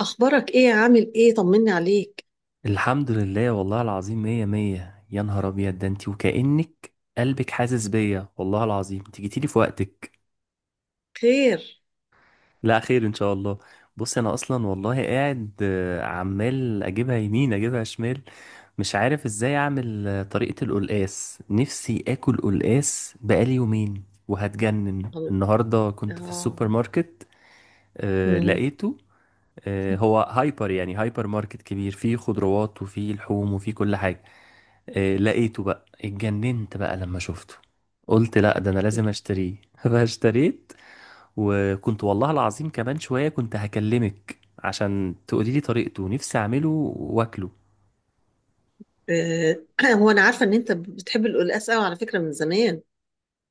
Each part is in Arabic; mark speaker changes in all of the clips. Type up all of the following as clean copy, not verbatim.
Speaker 1: اخبارك ايه؟ عامل ايه؟ طمني عليك.
Speaker 2: الحمد لله، والله العظيم مية مية. يا نهار أبيض، ده انتي وكأنك قلبك حاسس بيا. والله العظيم انت جيتيلي في وقتك.
Speaker 1: خير؟
Speaker 2: لا خير إن شاء الله. بص، أنا أصلا والله قاعد عمال أجيبها يمين أجيبها شمال، مش عارف إزاي أعمل. طريقة القلقاس، نفسي آكل قلقاس بقالي يومين وهتجنن.
Speaker 1: الله.
Speaker 2: النهاردة كنت في السوبر
Speaker 1: اه.
Speaker 2: ماركت،
Speaker 1: مم.
Speaker 2: لقيته. هو هايبر، يعني هايبر ماركت كبير فيه خضروات وفيه لحوم وفيه كل حاجة. إيه لقيته بقى، اتجننت بقى لما شفته. قلت لا ده انا لازم اشتريه فاشتريت. وكنت والله العظيم كمان شوية كنت هكلمك عشان تقولي لي طريقته، نفسي اعمله واكله.
Speaker 1: آه، هو انا عارفه ان انت بتحب القلقاس قوي على فكره من زمان،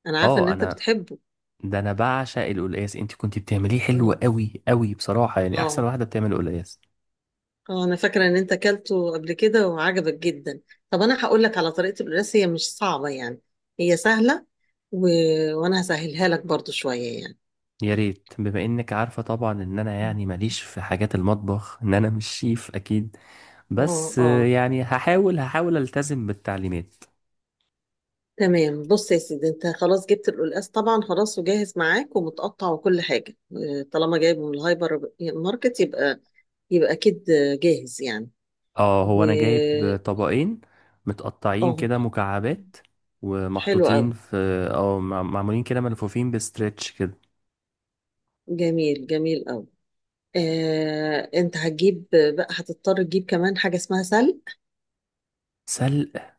Speaker 1: انا عارفه ان
Speaker 2: اه،
Speaker 1: انت
Speaker 2: انا
Speaker 1: بتحبه.
Speaker 2: ده انا بعشق القلقاس. انت كنت بتعمليه حلو
Speaker 1: اه،
Speaker 2: قوي قوي بصراحة، يعني احسن
Speaker 1: اه.
Speaker 2: واحدة بتعمل قلقاس.
Speaker 1: انا فاكره ان انت اكلته قبل كده وعجبك جدا. طب انا هقول لك على طريقه القلقاس، هي مش صعبه يعني، هي سهله. و... وانا هسهلها لك برضو شويه يعني.
Speaker 2: يا ريت، بما انك عارفة طبعا ان انا يعني ماليش في حاجات المطبخ، ان انا مش شيف اكيد.
Speaker 1: اه،
Speaker 2: بس،
Speaker 1: اه،
Speaker 2: يعني هحاول التزم بالتعليمات.
Speaker 1: تمام. بص يا سيدي، انت خلاص جبت القلقاس طبعا، خلاص وجاهز معاك ومتقطع وكل حاجه. اه، طالما جايبه من الهايبر ماركت، يبقى اكيد جاهز يعني.
Speaker 2: اه،
Speaker 1: و
Speaker 2: هو انا جايب طبقين متقطعين
Speaker 1: اه،
Speaker 2: كده مكعبات،
Speaker 1: حلو قوي.
Speaker 2: ومحطوطين في، اه معمولين كده ملفوفين بستريتش كده.
Speaker 1: جميل، جميل قوي. انت هتجيب بقى، هتضطر تجيب كمان حاجه اسمها سلق.
Speaker 2: سلق.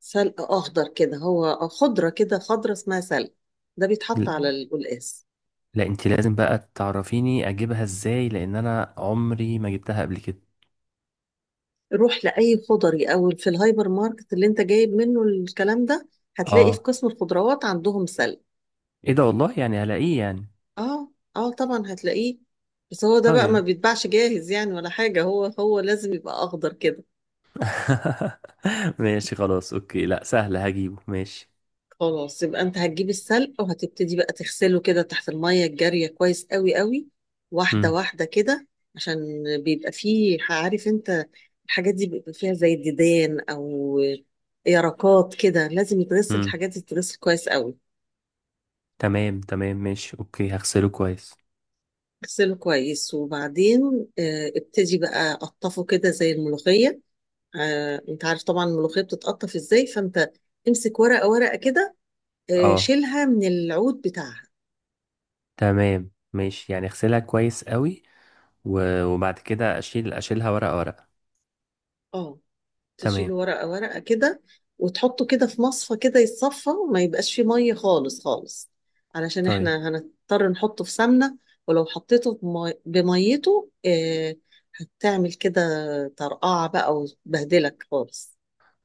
Speaker 1: سلق اخضر كده، هو خضره كده، خضره اسمها سلق، ده بيتحط على
Speaker 2: ل-
Speaker 1: القلقاس.
Speaker 2: لا انت لازم بقى تعرفيني اجيبها ازاي، لان انا عمري ما جبتها قبل كده.
Speaker 1: روح لأي خضري أو في الهايبر ماركت اللي أنت جايب منه الكلام ده، هتلاقي في
Speaker 2: اه،
Speaker 1: قسم الخضروات عندهم سلق.
Speaker 2: ايه ده والله، يعني هلاقيه يعني؟
Speaker 1: اه، اه طبعا هتلاقيه. بس هو ده بقى
Speaker 2: طيب.
Speaker 1: ما بيتباعش جاهز يعني ولا حاجة، هو لازم يبقى أخضر كده.
Speaker 2: ماشي، خلاص اوكي، لا سهل هجيبه ماشي.
Speaker 1: خلاص، يبقى أنت هتجيب السلق وهتبتدي بقى تغسله كده تحت المية الجارية كويس قوي قوي، واحدة
Speaker 2: هم.
Speaker 1: واحدة كده. عشان بيبقى فيه، عارف أنت، الحاجات دي بيبقى فيها زي الديدان أو يرقات كده، لازم يتغسل،
Speaker 2: هم.
Speaker 1: الحاجات دي تتغسل كويس قوي.
Speaker 2: تمام تمام ماشي، اوكي هغسله كويس.
Speaker 1: اغسله كويس وبعدين ابتدي بقى قطفه كده زي الملوخية. انت عارف طبعا الملوخية بتتقطف ازاي، فانت امسك ورقة ورقة كده،
Speaker 2: اه
Speaker 1: شيلها من العود بتاعها.
Speaker 2: تمام ماشي، يعني اغسلها كويس قوي، وبعد كده اشيل، اشيلها ورقة ورقة.
Speaker 1: اه، تشيل
Speaker 2: تمام.
Speaker 1: ورقة ورقة كده، وتحطه كده في مصفى كده يتصفى وما يبقاش فيه مية خالص خالص، علشان
Speaker 2: طيب.
Speaker 1: احنا هنضطر نحطه في سمنة. ولو حطيته بميته هتعمل كده طرقعة بقى وتبهدلك خالص.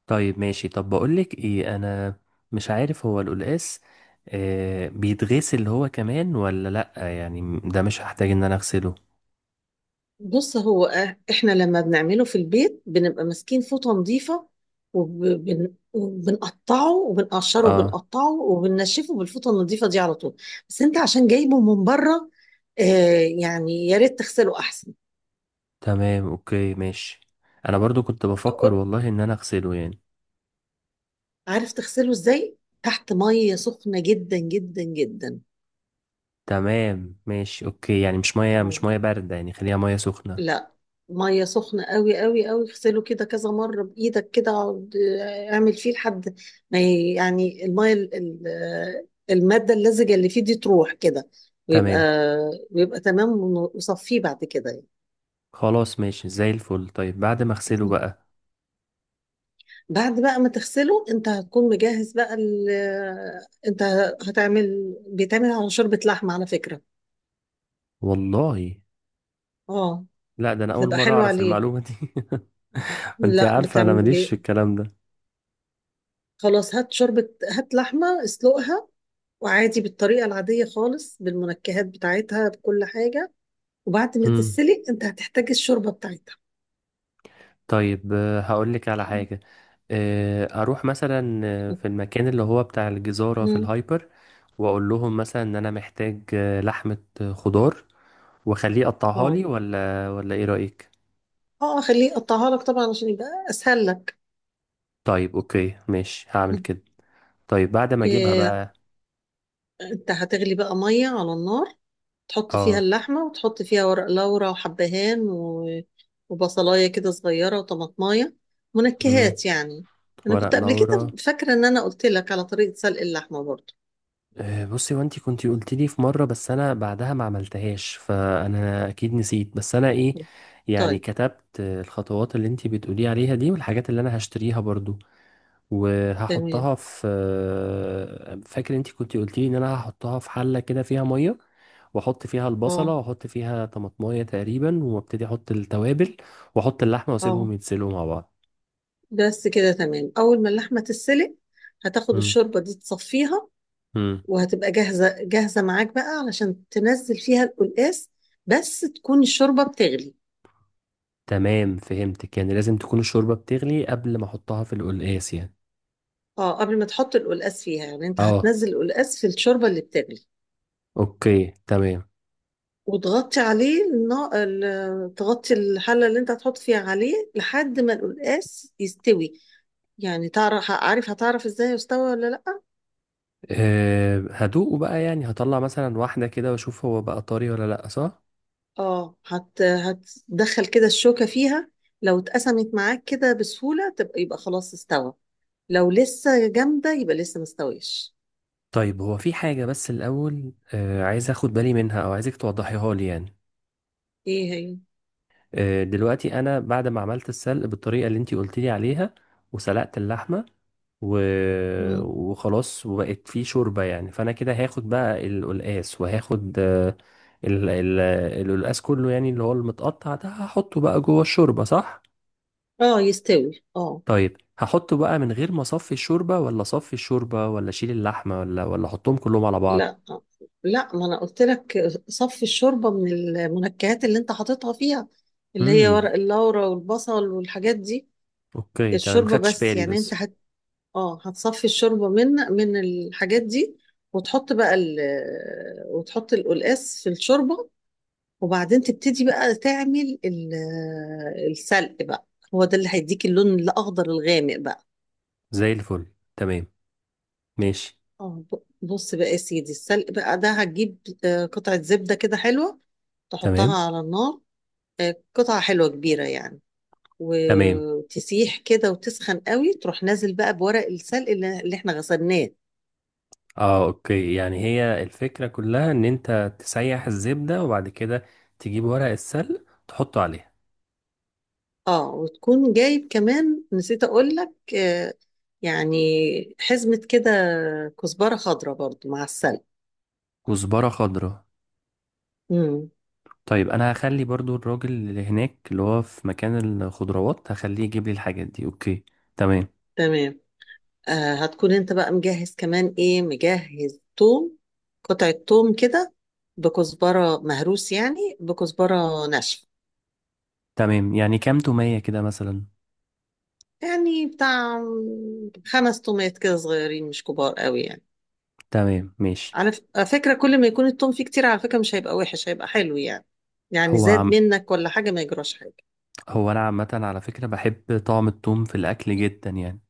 Speaker 2: طيب ماشي. طب بقولك ايه، انا مش عارف هو القلقاس آه بيتغسل هو كمان ولا لأ؟ يعني ده مش هحتاج ان انا اغسله؟
Speaker 1: بص، احنا لما بنعمله في البيت بنبقى ماسكين فوطة نظيفة، وبنقطعه وبنقشره
Speaker 2: اه
Speaker 1: وبنقطعه وبننشفه بالفوطة النظيفة دي على طول. بس انت عشان جايبه من بره، آه يعني يا ريت تغسله احسن.
Speaker 2: تمام اوكي ماشي، انا برضو كنت بفكر
Speaker 1: أو-
Speaker 2: والله ان انا اغسله يعني.
Speaker 1: عارف تغسله ازاي؟ تحت مية سخنة جدا جدا جدا.
Speaker 2: تمام ماشي اوكي، يعني مش مية، مش مية باردة يعني، خليها مية سخنة.
Speaker 1: لا، ميه سخنه قوي قوي قوي، اغسله كده كذا مره بايدك كده، اقعد اعمل فيه لحد ما يعني الميه الماده اللزجه اللي فيه دي تروح كده، ويبقى
Speaker 2: تمام.
Speaker 1: ويبقى تمام، وصفيه بعد كده يعني.
Speaker 2: خلاص ماشي، زي الفل. طيب بعد ما اغسله بقى؟
Speaker 1: بعد بقى ما تغسله، انت هتكون مجهز بقى انت بيتعمل على شوربه لحمه على فكره.
Speaker 2: والله؟
Speaker 1: اه،
Speaker 2: لا ده انا اول
Speaker 1: بتبقى
Speaker 2: مرة
Speaker 1: حلوه
Speaker 2: اعرف
Speaker 1: عليه.
Speaker 2: المعلومة دي. انت
Speaker 1: لا،
Speaker 2: عارفة انا
Speaker 1: بتعمل
Speaker 2: ماليش في
Speaker 1: بي...
Speaker 2: الكلام ده.
Speaker 1: خلاص، هات شوربه، هات لحمه، اسلقها، وعادي بالطريقة العادية خالص بالمنكهات بتاعتها بكل حاجة، وبعد ما
Speaker 2: امم.
Speaker 1: تتسلق انت هتحتاج الشوربة بتاعتها.
Speaker 2: طيب، هقول لك على حاجة. اروح مثلا في المكان اللي هو بتاع الجزارة في
Speaker 1: مم.
Speaker 2: الهايبر، واقول لهم مثلا ان انا محتاج لحمة، خضار، واخليه يقطعها
Speaker 1: اه،
Speaker 2: لي، ولا ولا ايه رأيك؟
Speaker 1: اه، خليه يقطعها لك طبعا عشان يبقى اسهل لك.
Speaker 2: طيب اوكي ماشي هعمل
Speaker 1: مم.
Speaker 2: كده. طيب بعد ما اجيبها
Speaker 1: إيه،
Speaker 2: بقى؟
Speaker 1: انت هتغلي بقى مية على النار، تحط فيها
Speaker 2: اه.
Speaker 1: اللحمة وتحط فيها ورق لورا وحبهان وبصلاية كده صغيرة وطماطماية،
Speaker 2: امم.
Speaker 1: منكهات يعني. انا
Speaker 2: ورق
Speaker 1: كنت قبل
Speaker 2: لورا.
Speaker 1: كده فاكرة ان انا قلت لك على طريقة سلق اللحمة برضو.
Speaker 2: بصي، وانتي كنتي قلت لي في مرة، بس انا بعدها ما عملتهاش فانا اكيد نسيت، بس انا ايه، يعني
Speaker 1: طيب.
Speaker 2: كتبت الخطوات اللي انتي بتقولي عليها دي، والحاجات اللي انا هشتريها برضو.
Speaker 1: تمام.
Speaker 2: وهحطها في، فاكر انتي كنتي قلت لي ان انا هحطها في حلة كده فيها مية، واحط فيها البصلة،
Speaker 1: اه،
Speaker 2: واحط فيها طماطماية تقريبا، وابتدي احط التوابل، واحط اللحمة،
Speaker 1: اه،
Speaker 2: واسيبهم يتسلقوا مع بعض.
Speaker 1: بس كده تمام، اول ما اللحمه تتسلق، هتاخد
Speaker 2: مم.
Speaker 1: الشوربه دي تصفيها،
Speaker 2: مم.
Speaker 1: وهتبقى جاهزه جاهزه معاك بقى علشان تنزل فيها القلقاس، بس تكون الشوربه بتغلي.
Speaker 2: تمام فهمتك، يعني لازم تكون الشوربة بتغلي قبل ما احطها في القلقاس يعني.
Speaker 1: اه، قبل ما تحط القلقاس فيها يعني، انت
Speaker 2: اه
Speaker 1: هتنزل القلقاس في الشوربه اللي بتغلي،
Speaker 2: اوكي تمام.
Speaker 1: وتغطي عليه تغطي الحله اللي انت هتحط فيها عليه لحد ما القلقاس يستوي. يعني عارف، هتعرف ازاي يستوى ولا لا؟
Speaker 2: أه هدوقه بقى، يعني هطلع مثلا واحدة كده واشوف هو بقى طري ولا لأ، صح؟
Speaker 1: اه، هتدخل كده الشوكة فيها، لو اتقسمت معاك كده بسهولة يبقى خلاص استوى، لو لسه جامدة يبقى لسه مستويش.
Speaker 2: طيب هو في حاجة بس الأول أه عايز اخد بالي منها، او عايزك توضحيها لي يعني.
Speaker 1: ايه هي؟
Speaker 2: أه دلوقتي انا بعد ما عملت السلق بالطريقة اللي انتي قلت لي عليها، وسلقت اللحمة و...
Speaker 1: مم.
Speaker 2: وخلاص وبقت فيه شوربة يعني، فانا كده هاخد بقى القلقاس، وهاخد أه ال... ال... القلقاس كله، يعني اللي هو المتقطع ده هحطه بقى جوه الشوربة، صح؟
Speaker 1: اه، يستوي، اه.
Speaker 2: طيب هحطه بقى من غير ما اصفي الشوربه؟ ولا اصفي الشوربه، ولا اشيل اللحمه، ولا ولا احطهم كلهم على بعض؟
Speaker 1: لا، لا، ما انا قلت لك صفي الشوربة من المنكهات اللي انت حاططها فيها، اللي هي
Speaker 2: امم.
Speaker 1: ورق اللورا والبصل والحاجات دي.
Speaker 2: اوكي تمام،
Speaker 1: الشوربة
Speaker 2: خدش
Speaker 1: بس
Speaker 2: بالي
Speaker 1: يعني، انت
Speaker 2: بس.
Speaker 1: اه، هتصفي الشوربة من الحاجات دي، وتحط بقى ال... وتحط القلقاس في الشوربة، وبعدين تبتدي بقى تعمل السلق بقى، هو ده اللي هيديك اللون الاخضر الغامق بقى.
Speaker 2: زي الفل. تمام ماشي.
Speaker 1: اه، بص بقى يا سيدي، السلق بقى ده هتجيب قطعة زبدة كده حلوة،
Speaker 2: تمام.
Speaker 1: تحطها على النار، قطعة حلوة كبيرة يعني،
Speaker 2: تمام.
Speaker 1: وتسيح كده وتسخن قوي، تروح نازل بقى بورق السلق اللي احنا غسلناه.
Speaker 2: اه اوكي، يعني هي الفكره كلها ان انت تسيح الزبده، وبعد كده تجيب ورق السلق تحطه عليها.
Speaker 1: اه، وتكون جايب كمان، نسيت اقول لك يعني حزمة كده كزبرة خضراء برضو مع السلق.
Speaker 2: كزبره خضراء.
Speaker 1: امم،
Speaker 2: طيب انا هخلي برضو الراجل اللي هناك اللي هو في مكان الخضروات هخليه يجيب لي الحاجات دي، اوكي. تمام.
Speaker 1: تمام. هتكون انت بقى مجهز كمان ايه، مجهز توم، قطعة توم كده بكزبرة مهروس يعني بكزبرة ناشفة،
Speaker 2: تمام، يعني كام تومية كده مثلا؟
Speaker 1: يعني بتاع خمس تومات كده صغيرين مش كبار قوي يعني.
Speaker 2: تمام ماشي.
Speaker 1: على فكرة كل ما يكون التوم فيه كتير على فكرة مش هيبقى وحش، هيبقى حلو يعني، يعني
Speaker 2: هو
Speaker 1: زاد
Speaker 2: عم
Speaker 1: منك ولا حاجة، ما يجراش حاجة.
Speaker 2: هو انا عامه على فكره بحب طعم التوم في الاكل جدا يعني.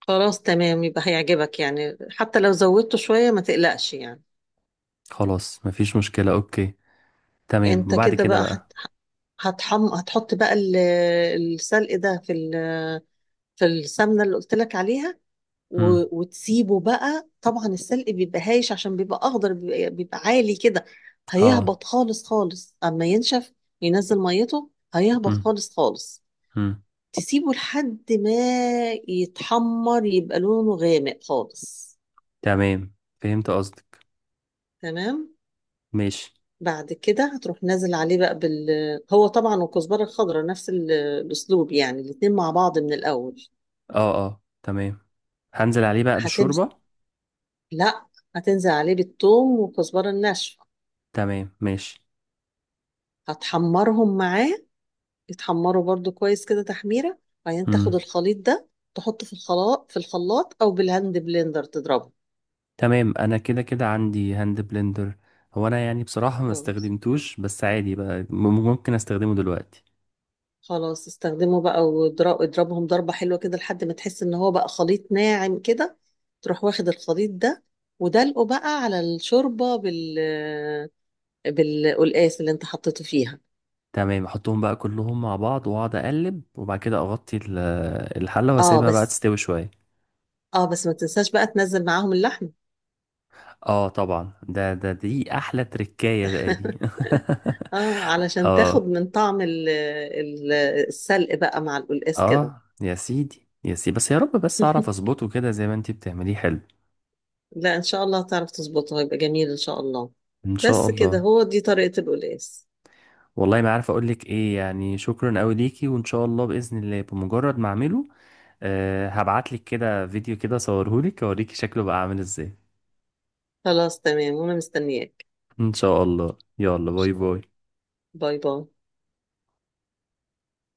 Speaker 1: خلاص، تمام، يبقى هيعجبك يعني، حتى لو زودته شوية ما تقلقش يعني.
Speaker 2: خلاص مفيش مشكله، اوكي. تمام.
Speaker 1: انت
Speaker 2: وبعد
Speaker 1: كده
Speaker 2: كده
Speaker 1: بقى
Speaker 2: بقى؟
Speaker 1: هتحط بقى السلق ده في في السمنة اللي قلت لك عليها،
Speaker 2: امم.
Speaker 1: وتسيبه بقى، طبعا السلق بيبقى هايش عشان بيبقى أخضر، بيبقى عالي كده،
Speaker 2: اه.
Speaker 1: هيهبط خالص خالص أما ينشف، ينزل ميته هيهبط
Speaker 2: امم.
Speaker 1: خالص خالص،
Speaker 2: امم.
Speaker 1: تسيبه لحد ما يتحمر، يبقى لونه غامق خالص.
Speaker 2: تمام فهمت قصدك.
Speaker 1: تمام.
Speaker 2: ماشي.
Speaker 1: بعد كده هتروح نازل عليه بقى هو طبعا، والكزبرة الخضراء نفس الأسلوب يعني، الاتنين مع بعض من الأول.
Speaker 2: اه اه تمام. هنزل عليه بقى
Speaker 1: هتمشي.
Speaker 2: بالشوربه.
Speaker 1: لا، هتنزل عليه بالثوم والكزبرة الناشفة،
Speaker 2: تمام ماشي.
Speaker 1: هتحمرهم معاه، يتحمروا برضو كويس كده تحميرة. بعدين تاخد
Speaker 2: امم.
Speaker 1: الخليط ده تحطه في الخلاط، او بالهاند بلندر تضربه.
Speaker 2: تمام انا كده كده عندي هاند بلندر. هو انا يعني بصراحه ما
Speaker 1: خلاص،
Speaker 2: استخدمتوش، بس عادي بقى ممكن استخدمه دلوقتي.
Speaker 1: خلاص استخدمه بقى، اضربهم ضربة حلوة كده لحد ما تحس ان هو بقى خليط ناعم كده. تروح واخد الخليط ده ودلقه بقى على الشوربة بالقلقاس اللي انت حطيته فيها.
Speaker 2: تمام احطهم بقى كلهم مع بعض واقعد اقلب، وبعد كده اغطي الحله
Speaker 1: اه
Speaker 2: واسيبها بقى
Speaker 1: بس،
Speaker 2: تستوي شويه.
Speaker 1: ما تنساش بقى تنزل معاهم اللحم.
Speaker 2: اه طبعا، ده ده دي احلى تركايه بقى دي.
Speaker 1: اه، علشان تاخد
Speaker 2: اه.
Speaker 1: من طعم ال- السلق بقى مع القلقاس كده.
Speaker 2: اه يا سيدي، يا سيدي، بس يا رب بس اعرف اظبطه كده زي ما انتي بتعمليه حلو.
Speaker 1: لا، ان شاء الله تعرف تظبطها، يبقى جميل ان شاء الله.
Speaker 2: ان شاء
Speaker 1: بس كده،
Speaker 2: الله.
Speaker 1: هو دي طريقة القلقاس.
Speaker 2: والله ما عارف اقول لك ايه، يعني شكرا قوي ليكي، وان شاء الله باذن الله بمجرد ما اعمله أه هبعت لك كده فيديو كده، صورهولك اوريكي شكله بقى عامل ازاي.
Speaker 1: خلاص، تمام، وانا مستنياك.
Speaker 2: ان شاء الله، يلا
Speaker 1: ان
Speaker 2: باي
Speaker 1: شاء
Speaker 2: باي.
Speaker 1: الله. باي باي.